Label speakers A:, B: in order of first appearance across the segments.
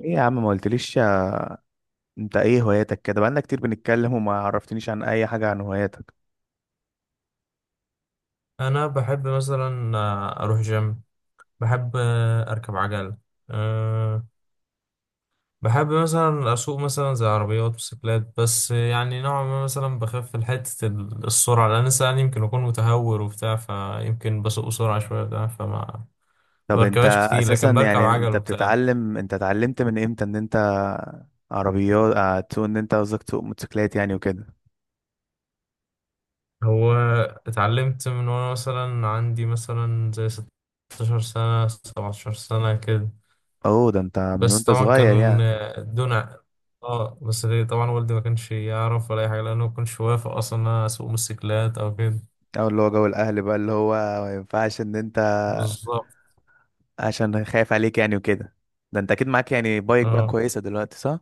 A: ايه يا عم، ما قلتليش انت ايه هواياتك؟ كده بقالنا كتير بنتكلم وما عرفتنيش عن اي حاجة عن هواياتك.
B: انا بحب مثلا اروح جيم. بحب اركب عجل. أه بحب مثلا اسوق مثلا زي عربيات وسيكلات، بس يعني نوعا ما مثلا بخاف في حته السرعه، لان انسان يمكن اكون متهور وبتاع، فيمكن بسوق بسرعه شويه بتاع فما
A: طب
B: بركبهاش
A: انت
B: كتير،
A: اساسا،
B: لكن بركب
A: يعني
B: عجل وبتاع.
A: انت اتعلمت من امتى ان انت عربيات، تسوق، ان انت قصدك تسوق موتوسيكلات يعني وكده؟
B: هو اتعلمت من وانا مثلا عندي مثلا زي 16 سنه 17 سنه كده،
A: اوه، ده انت من
B: بس
A: وانت
B: طبعا كان
A: صغير يعني.
B: دون ع- اه بس ليه؟ طبعا والدي ما كانش يعرف ولا اي حاجه، لانه ما كانش وافق اصلا ان انا اسوق موتوسيكلات او كده.
A: او اللي هو جو الاهل بقى، اللي هو ما ينفعش ان انت
B: بالظبط.
A: عشان خايف عليك يعني وكده. ده انت اكيد معاك يعني بايك بقى
B: اه،
A: كويسة دلوقتي، صح؟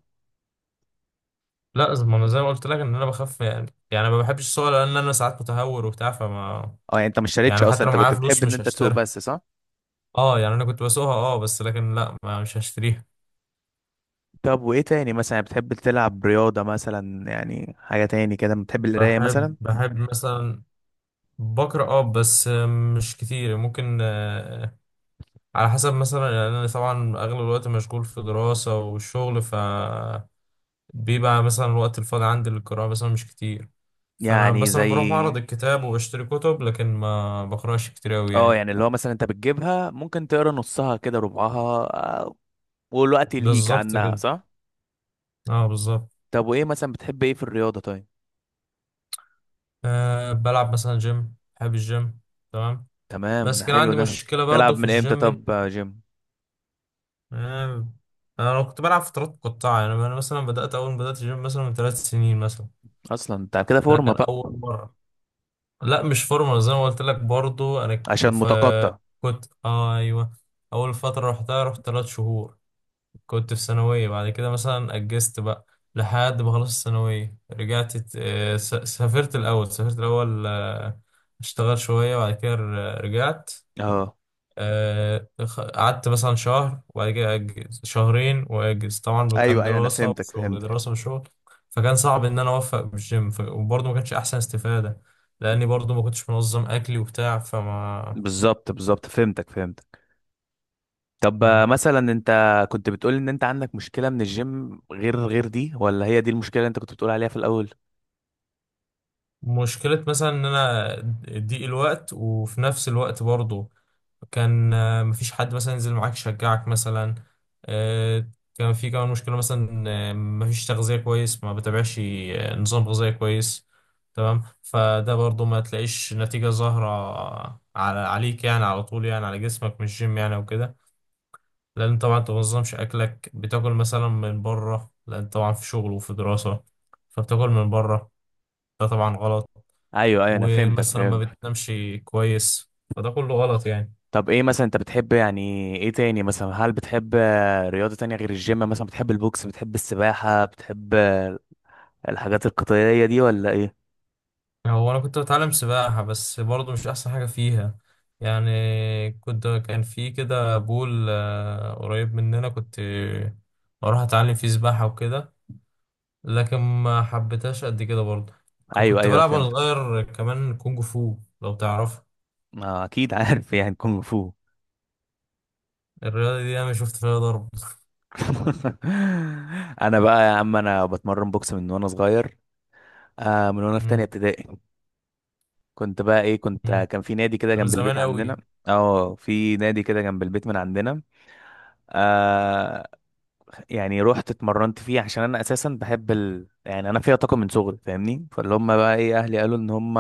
B: لا ما انا زي ما قلت لك ان انا بخاف يعني، ما بحبش السواقه لان انا ساعات متهور وبتاع فما.
A: اه، يعني انت ما اشتريتش
B: يعني
A: اصلا،
B: حتى لو
A: انت
B: معايا
A: كنت
B: فلوس
A: بتحب ان
B: مش
A: انت تسوق
B: هشتريها.
A: بس، صح؟
B: اه يعني انا كنت بسوقها. اه بس لكن لا، ما مش هشتريها.
A: طب وايه تاني مثلا؟ بتحب تلعب رياضة مثلا، يعني حاجة تاني كده؟ بتحب القراية
B: بحب
A: مثلا؟
B: بحب مثلا بقرا اه، بس مش كتير. ممكن على حسب مثلا، يعني انا طبعا اغلب الوقت مشغول في دراسة والشغل، ف بيبقى مثلا الوقت الفاضي عندي للقراءة مثلا مش كتير. فانا
A: يعني
B: مثلا
A: زي،
B: بروح معرض الكتاب وبشتري كتب، لكن ما بقراش كتير اوي
A: اه
B: يعني.
A: يعني اللي هو مثلا انت بتجيبها ممكن تقرا نصها كده ربعها. آه، والوقت يلهيك
B: بالظبط
A: عنها،
B: كده.
A: صح.
B: اه بالظبط.
A: طب وايه مثلا بتحب ايه في الرياضة، طيب؟
B: بلعب مثلا جيم، بحب الجيم. تمام.
A: تمام، ده
B: بس كان
A: حلو
B: عندي
A: ده.
B: مشكلة برضو
A: تلعب
B: في
A: من امتى
B: الجيم
A: طب، يا جيم؟
B: آه، انا كنت بلعب فترات مقطعة، يعني انا مثلا بدأت اول ما بدأت الجيم مثلا من 3 سنين مثلا.
A: اصلا انت كده
B: ده
A: فورمة
B: كان
A: بقى.
B: اول مرة. لا مش فورمال زي ما قلت لك برضو انا ك-
A: عشان
B: ف
A: متقطع.
B: كنت ايوه. اول فتره رحتها، رحت 3 شهور. كنت في ثانويه، بعد كده مثلا اجزت بقى لحد ما خلصت الثانويه، رجعت سافرت الاول، سافرت الاول، اشتغل شويه، بعد كده رجعت.
A: اه،
B: قعدت مثلا شهر، وبعد كده أجز شهرين وأجز، طبعا كان
A: ايوه ايوه، انا
B: دراسة
A: فهمتك
B: وشغل،
A: فهمتك.
B: دراسة وشغل. فكان صعب إن أنا أوفق بالجيم، وبرضه ما كانش أحسن استفادة، لأني برضه ما كنتش منظم أكلي وبتاع فما.
A: بالظبط، بالظبط، فهمتك فهمتك. طب، مثلا انت كنت بتقول ان انت عندك مشكلة من الجيم غير دي، ولا هي دي المشكلة اللي انت كنت بتقول عليها في الاول؟
B: مشكلة مثلا ان انا ضيق الوقت، وفي نفس الوقت برضه كان مفيش حد مثلا ينزل معاك يشجعك مثلا. آه، كان في كمان مشكلة مثلا، مفيش تغذية كويس، ما بتابعش نظام غذائي كويس. تمام، فده برضو ما تلاقيش نتيجة ظاهرة على، عليك يعني، على طول يعني على جسمك، مش جيم يعني وكده. لأن طبعا أنت منظمش أكلك، بتاكل مثلا من بره، لأن طبعا في شغل وفي دراسة، فبتاكل من بره. ده طبعا غلط.
A: ايوه ايوه، انا فهمتك
B: ومثلا ما
A: فهمتك.
B: بتنامش كويس. فده كله غلط يعني.
A: طب، ايه مثلا انت بتحب يعني؟ ايه تاني مثلا؟ هل بتحب رياضة تانية غير الجيم؟ مثلا بتحب البوكس؟ بتحب السباحة؟ بتحب الحاجات القتالية دي، ولا ايه؟
B: هو انا كنت بتعلم سباحة، بس برضه مش احسن حاجة فيها. يعني كنت، كان في كده بول قريب مننا، كنت بروح اتعلم فيه سباحة وكده، لكن ما حبيتهاش قد كده برضه.
A: ايوه
B: كنت
A: ايوه،
B: بلعب وانا
A: فهمتك.
B: صغير كمان كونج فو لو تعرف.
A: ما اكيد عارف يعني كونغ فو.
B: الرياضة دي انا شفت فيها ضرب.
A: انا بقى يا عم، انا بتمرن بوكس من وانا صغير. آه، من وانا في تانية
B: مم.
A: ابتدائي. كنت بقى ايه، كنت،
B: مم.
A: كان في نادي كده
B: ده من
A: جنب البيت
B: زمان قوي.
A: عندنا. اه، في نادي كده جنب البيت من عندنا. آه. يعني رحت اتمرنت فيه عشان انا اساسا بحب يعني انا فيها طاقه من صغري، فاهمني؟ فاللي هم بقى ايه، اهلي قالوا ان هم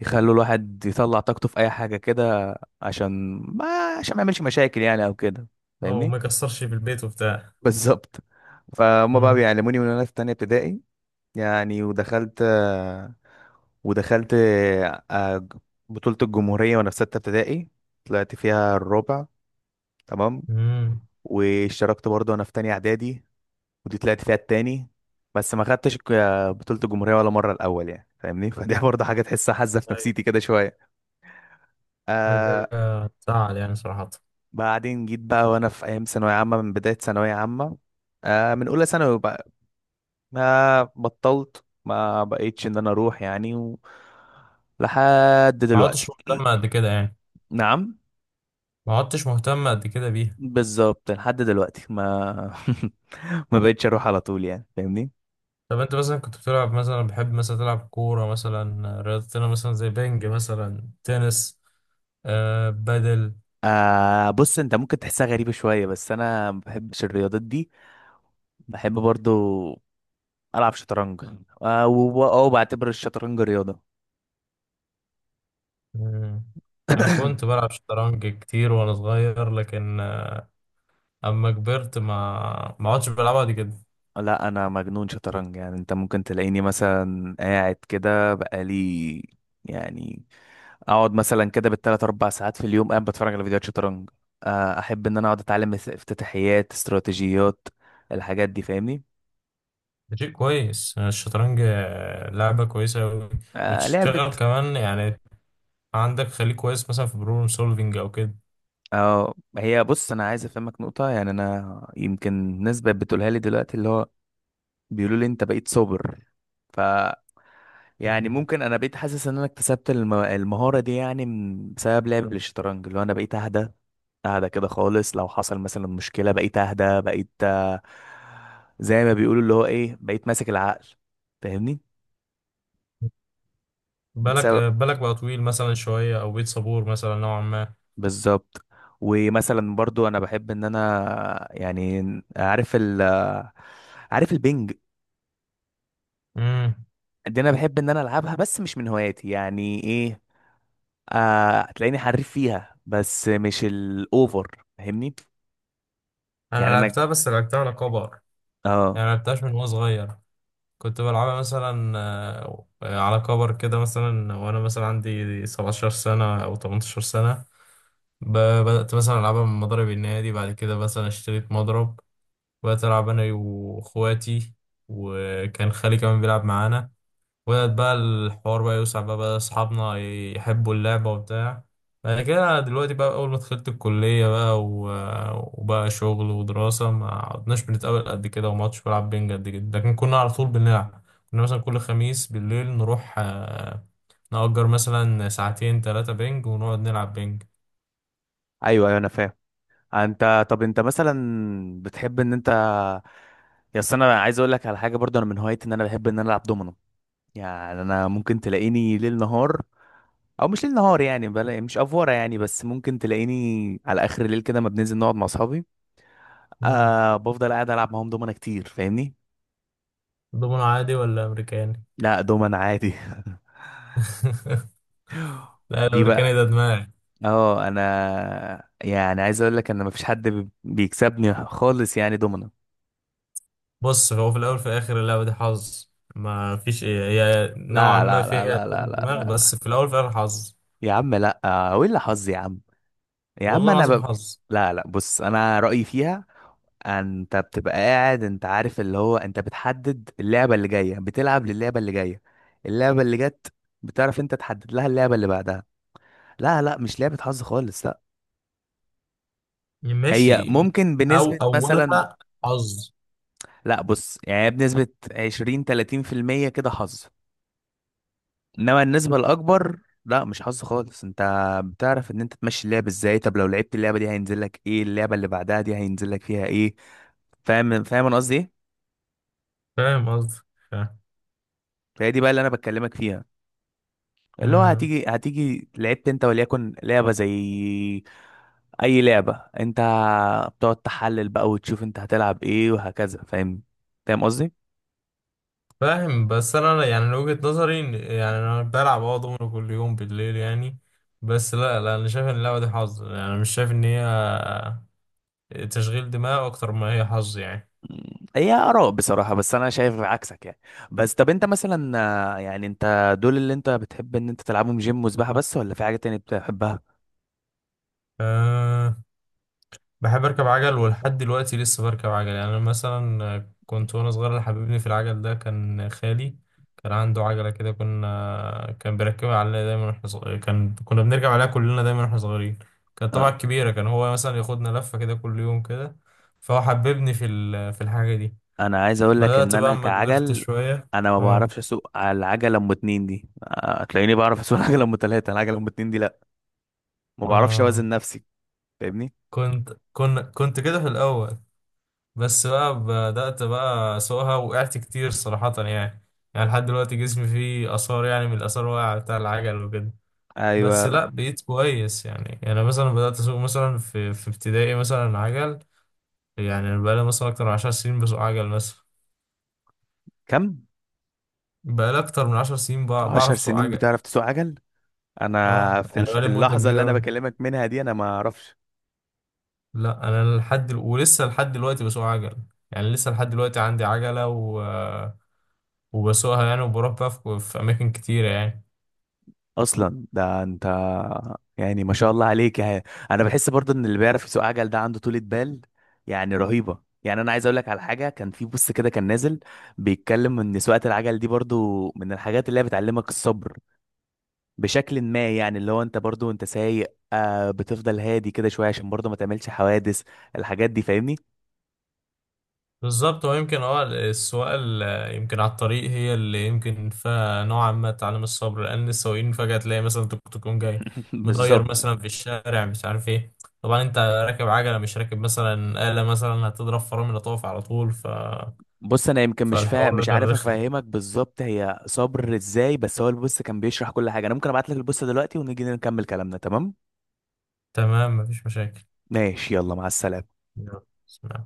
A: يخلوا الواحد يطلع طاقته في اي حاجه كده. عشان ما عشان ما يعملش مشاكل يعني او كده.
B: اه،
A: فاهمني.
B: وما يكسرش في البيت وبتاع.
A: بالظبط. فهم بقى
B: مم.
A: بيعلموني من وانا في تانية ابتدائي. يعني ودخلت آه، بطولة الجمهورية وانا في 6 ابتدائي. طلعت فيها الرابع. تمام.
B: مم.
A: واشتركت برضه وانا في تانية اعدادي. ودي طلعت فيها التاني. بس ما خدتش بطولة الجمهورية ولا مرة الأول، يعني فاهمني. فدي برضه حاجة تحسها حزة في
B: أيوه.
A: نفسيتي كده شوية. آه.
B: حاجة تزعل يعني صراحة.
A: بعدين جيت بقى وأنا في أيام ثانوية عامة، من بداية ثانوية عامة. آه، من أولى ثانوي بقى. ما بقيتش إن أنا أروح يعني لحد
B: ما عدتش
A: دلوقتي.
B: مهتم قد كده يعني.
A: نعم.
B: ما عدتش مهتم قد كده بيها.
A: بالظبط لحد دلوقتي ما ما بقتش أروح على طول يعني، فاهمني.
B: طب انت مثلا كنت بتلعب مثلا، بحب مثلا تلعب كورة مثلا، رياضتنا مثلا زي بينج مثلا تنس، آه بدل.
A: آه، بص انت ممكن تحسها غريبة شوية، بس انا ما بحبش الرياضات دي. بحب برضو ألعب شطرنج. أو بعتبر الشطرنج رياضة.
B: مم. انا كنت بلعب شطرنج كتير وانا صغير، لكن اما كبرت ما عدتش بلعبها دي كده.
A: لا، أنا مجنون شطرنج، يعني أنت ممكن تلاقيني مثلا قاعد كده بقالي، يعني أقعد مثلا كده بالتلات أربع ساعات في اليوم قاعد بتفرج على فيديوهات شطرنج. أحب إن أنا أقعد أتعلم افتتاحيات، استراتيجيات، الحاجات دي، فاهمني.
B: ده شيء كويس الشطرنج، لعبة كويسة أوي،
A: آه، لعبة.
B: وتشتغل كمان يعني، عندك خليك كويس مثلا في بروبلم سولفينج او
A: اه، هي بص، أنا عايز أفهمك نقطة، يعني أنا يمكن ناس بقت بتقولها لي دلوقتي اللي هو بيقولوا لي أنت بقيت صابر. ف
B: كده.
A: يعني ممكن انا بقيت حاسس ان انا اكتسبت المهارة دي، يعني بسبب لعب الشطرنج، اللي هو انا بقيت اهدى، اهدى كده خالص، لو حصل مثلا مشكلة بقيت اهدى، بقيت زي ما بيقولوا اللي هو ايه، بقيت ماسك العقل. فاهمني. بسبب،
B: بالك بقى طويل مثلا شوية، أو بيت صبور مثلا نوعا ما.
A: بالظبط. ومثلا برضو انا بحب ان انا يعني، عارف ال عارف البنج
B: امم
A: دي، انا بحب ان انا العبها، بس مش من هواياتي يعني، ايه، آه هتلاقيني حريف فيها بس مش الاوفر، فاهمني.
B: أنا
A: يعني انا،
B: لعبتها، بس لعبتها على كبر،
A: اه.
B: يعني ما لعبتهاش من وأنا صغير. كنت بلعبها مثلا على كبر كده مثلا، وأنا مثلا عندي 17 سنة أو 18 سنة. ب- بدأت مثلا ألعبها من مضرب النادي، بعد كده مثلا اشتريت مضرب، وبدأت ألعب أنا وإخواتي، وكان خالي كمان بيلعب معانا. وبدأت بقى الحوار بقى يوسع، بقى بقى أصحابنا يحبوا اللعبة وبتاع. بعد كده دلوقتي بقى، أول ما دخلت الكلية بقى وبقى شغل ودراسة، ما عدناش بنتقابل قد كده، وما عدتش بلعب بينج قد كده، لكن كنا على طول بنلعب. كنا مثلا كل خميس بالليل نروح نأجر مثلا ساعتين ثلاثة بينج، ونقعد نلعب بينج.
A: ايوه ايوه، انا فاهم. انت طب انت مثلا بتحب ان انت، يا أصل انا عايز اقول لك على حاجه، برضو انا من هوايتي ان انا بحب ان انا العب دومينو. يعني انا ممكن تلاقيني ليل نهار، او مش ليل نهار يعني، بلا مش افوره يعني، بس ممكن تلاقيني على اخر الليل كده ما بننزل نقعد مع اصحابي.
B: مم.
A: آه، بفضل قاعد العب معاهم دومنا كتير، فاهمني.
B: دومينو عادي ولا أمريكاني؟
A: لا، دومنا عادي.
B: لا
A: دي
B: الأمريكاني
A: بقى،
B: ده دماغي.
A: اه انا يعني عايز اقول لك ان مفيش حد بيكسبني خالص يعني، دومنا.
B: بص هو في الاول في الاخر اللعبه دي حظ. ما فيش إيه. هي نوعا
A: لا،
B: ما
A: لا، لا،
B: فيها
A: لا، لا،
B: تشغيل
A: لا،
B: دماغ،
A: لا، لا.
B: بس في الاول في الاخر حظ.
A: يا عم، لا، ولا حظ يا عم. يا عم
B: والله
A: انا
B: العظيم حظ.
A: لا، لا، بص انا رأيي فيها. انت بتبقى قاعد، انت عارف اللي هو، انت بتحدد اللعبة اللي جاية بتلعب للعبة اللي جاية. اللعبة اللي جت بتعرف انت تحدد لها اللعبة اللي بعدها. لا، لا، مش لعبة حظ خالص، لا. هي
B: ماشي.
A: ممكن
B: او
A: بنسبة مثلا،
B: اولها حظ.
A: لا بص يعني بنسبة 20 30% كده حظ، انما النسبه الاكبر، لا مش حظ خالص، انت بتعرف ان انت تمشي اللعب ازاي، طب لو لعبت اللعبه دي هينزل لك ايه، اللعبه اللي بعدها دي هينزل لك فيها ايه. فاهم؟ فاهم انا قصدي ايه؟
B: فاهم قصدي. فاهم.
A: فهي دي بقى اللي انا بكلمك فيها. اللي هو
B: مم.
A: هتيجي لعبت انت وليكن لعبه زي اي لعبه، انت بتقعد تحلل بقى وتشوف انت هتلعب ايه وهكذا، فاهم؟ فاهم قصدي.
B: فاهم، بس انا يعني من وجهه نظري يعني انا بلعب اه دومينو كل يوم بالليل يعني. بس لا، لا، انا شايف ان اللعبه دي حظ، يعني انا مش شايف ان هي تشغيل دماغ اكتر ما هي حظ يعني.
A: هي آراء بصراحة، بس أنا شايف عكسك يعني. بس طب أنت مثلا، يعني أنت دول اللي أنت بتحب إن أنت تلعبهم جيم وسباحة بس، ولا في حاجة تانية بتحبها؟
B: آه، بحب اركب عجل، ولحد دلوقتي لسه بركب عجل، يعني انا مثلا كنت وانا صغير اللي حببني في العجل ده كان خالي. كان عنده عجله كده، كنا كان بيركبها علينا دايما واحنا صغيرين، كان كنا بنركب عليها كلنا دايما واحنا صغيرين. كانت طبعا
A: آه،
B: كبيره، كان هو مثلا ياخدنا لفه كده كل يوم كده. فهو حببني في في الحاجه دي.
A: أنا عايز أقول لك إن
B: بدات بقى
A: أنا
B: اما كبرت
A: كعجل،
B: شويه.
A: أنا ما
B: اه.
A: بعرفش أسوق على العجلة أم اتنين دي. هتلاقيني بعرف أسوق العجلة أم تلاتة. العجلة أم اتنين دي لأ، ما بعرفش
B: اه.
A: أوازن نفسي. فاهمني؟
B: كنت كده في الاول، بس بقى بدأت بقى أسوقها، وقعت كتير صراحة يعني. يعني لحد دلوقتي جسمي فيه آثار، يعني من الآثار واقعة بتاع العجل وكده. بس
A: أيوه.
B: لأ بقيت كويس يعني، يعني مثلا بدأت أسوق مثلا في ابتدائي مثلا عجل. يعني أنا بقالي مثلا أكتر من 10 سنين بسوق عجل مثلا.
A: كم؟
B: بقالي أكتر من 10 سنين
A: عشر
B: بعرف أسوق
A: سنين
B: عجل.
A: بتعرف تسوق عجل؟
B: أه،
A: أنا
B: يعني
A: في
B: بقالي مدة
A: اللحظة اللي
B: كبيرة
A: أنا
B: أوي.
A: بكلمك منها دي أنا ما أعرفش.
B: لأ أنا ولسه لحد دلوقتي بسوق عجل. يعني لسه لحد دلوقتي عندي عجلة و... وبسوقها يعني، وبروح بقى في أماكن كتيرة يعني.
A: اصلا ده انت، يعني ما شاء الله عليك يعني. انا بحس برضه ان اللي بيعرف يسوق عجل ده عنده طولة بال يعني رهيبة. يعني انا عايز اقول لك على حاجه، كان في بوست كده كان نازل بيتكلم ان سواقه العجل دي برضو من الحاجات اللي هي بتعلمك الصبر، بشكل ما يعني، اللي هو انت برضو انت سايق، بتفضل هادي كده شويه عشان برضو ما تعملش حوادث، الحاجات دي، فاهمني.
B: بالظبط، هو يمكن اه السواقة يمكن على الطريق هي اللي يمكن فيها نوعا ما تعليم الصبر، لأن السواقين فجأة تلاقي مثلا توك توك يقوم جاي. مدير
A: بالظبط.
B: مثلا في الشارع مش عارف ايه، طبعا انت راكب عجلة، مش راكب مثلا آلة مثلا هتضرب فرامل طوف على طول
A: بص انا يمكن
B: فالحوار ده
A: مش
B: كان
A: عارف
B: رخم.
A: افهمك بالظبط هي صبر ازاي، بس هو البوست كان بيشرح كل حاجه. انا ممكن ابعت لك البوست دلوقتي ونيجي نكمل كلامنا، تمام؟
B: تمام، مفيش مشاكل.
A: ماشي، يلا، مع السلامه.
B: يلا.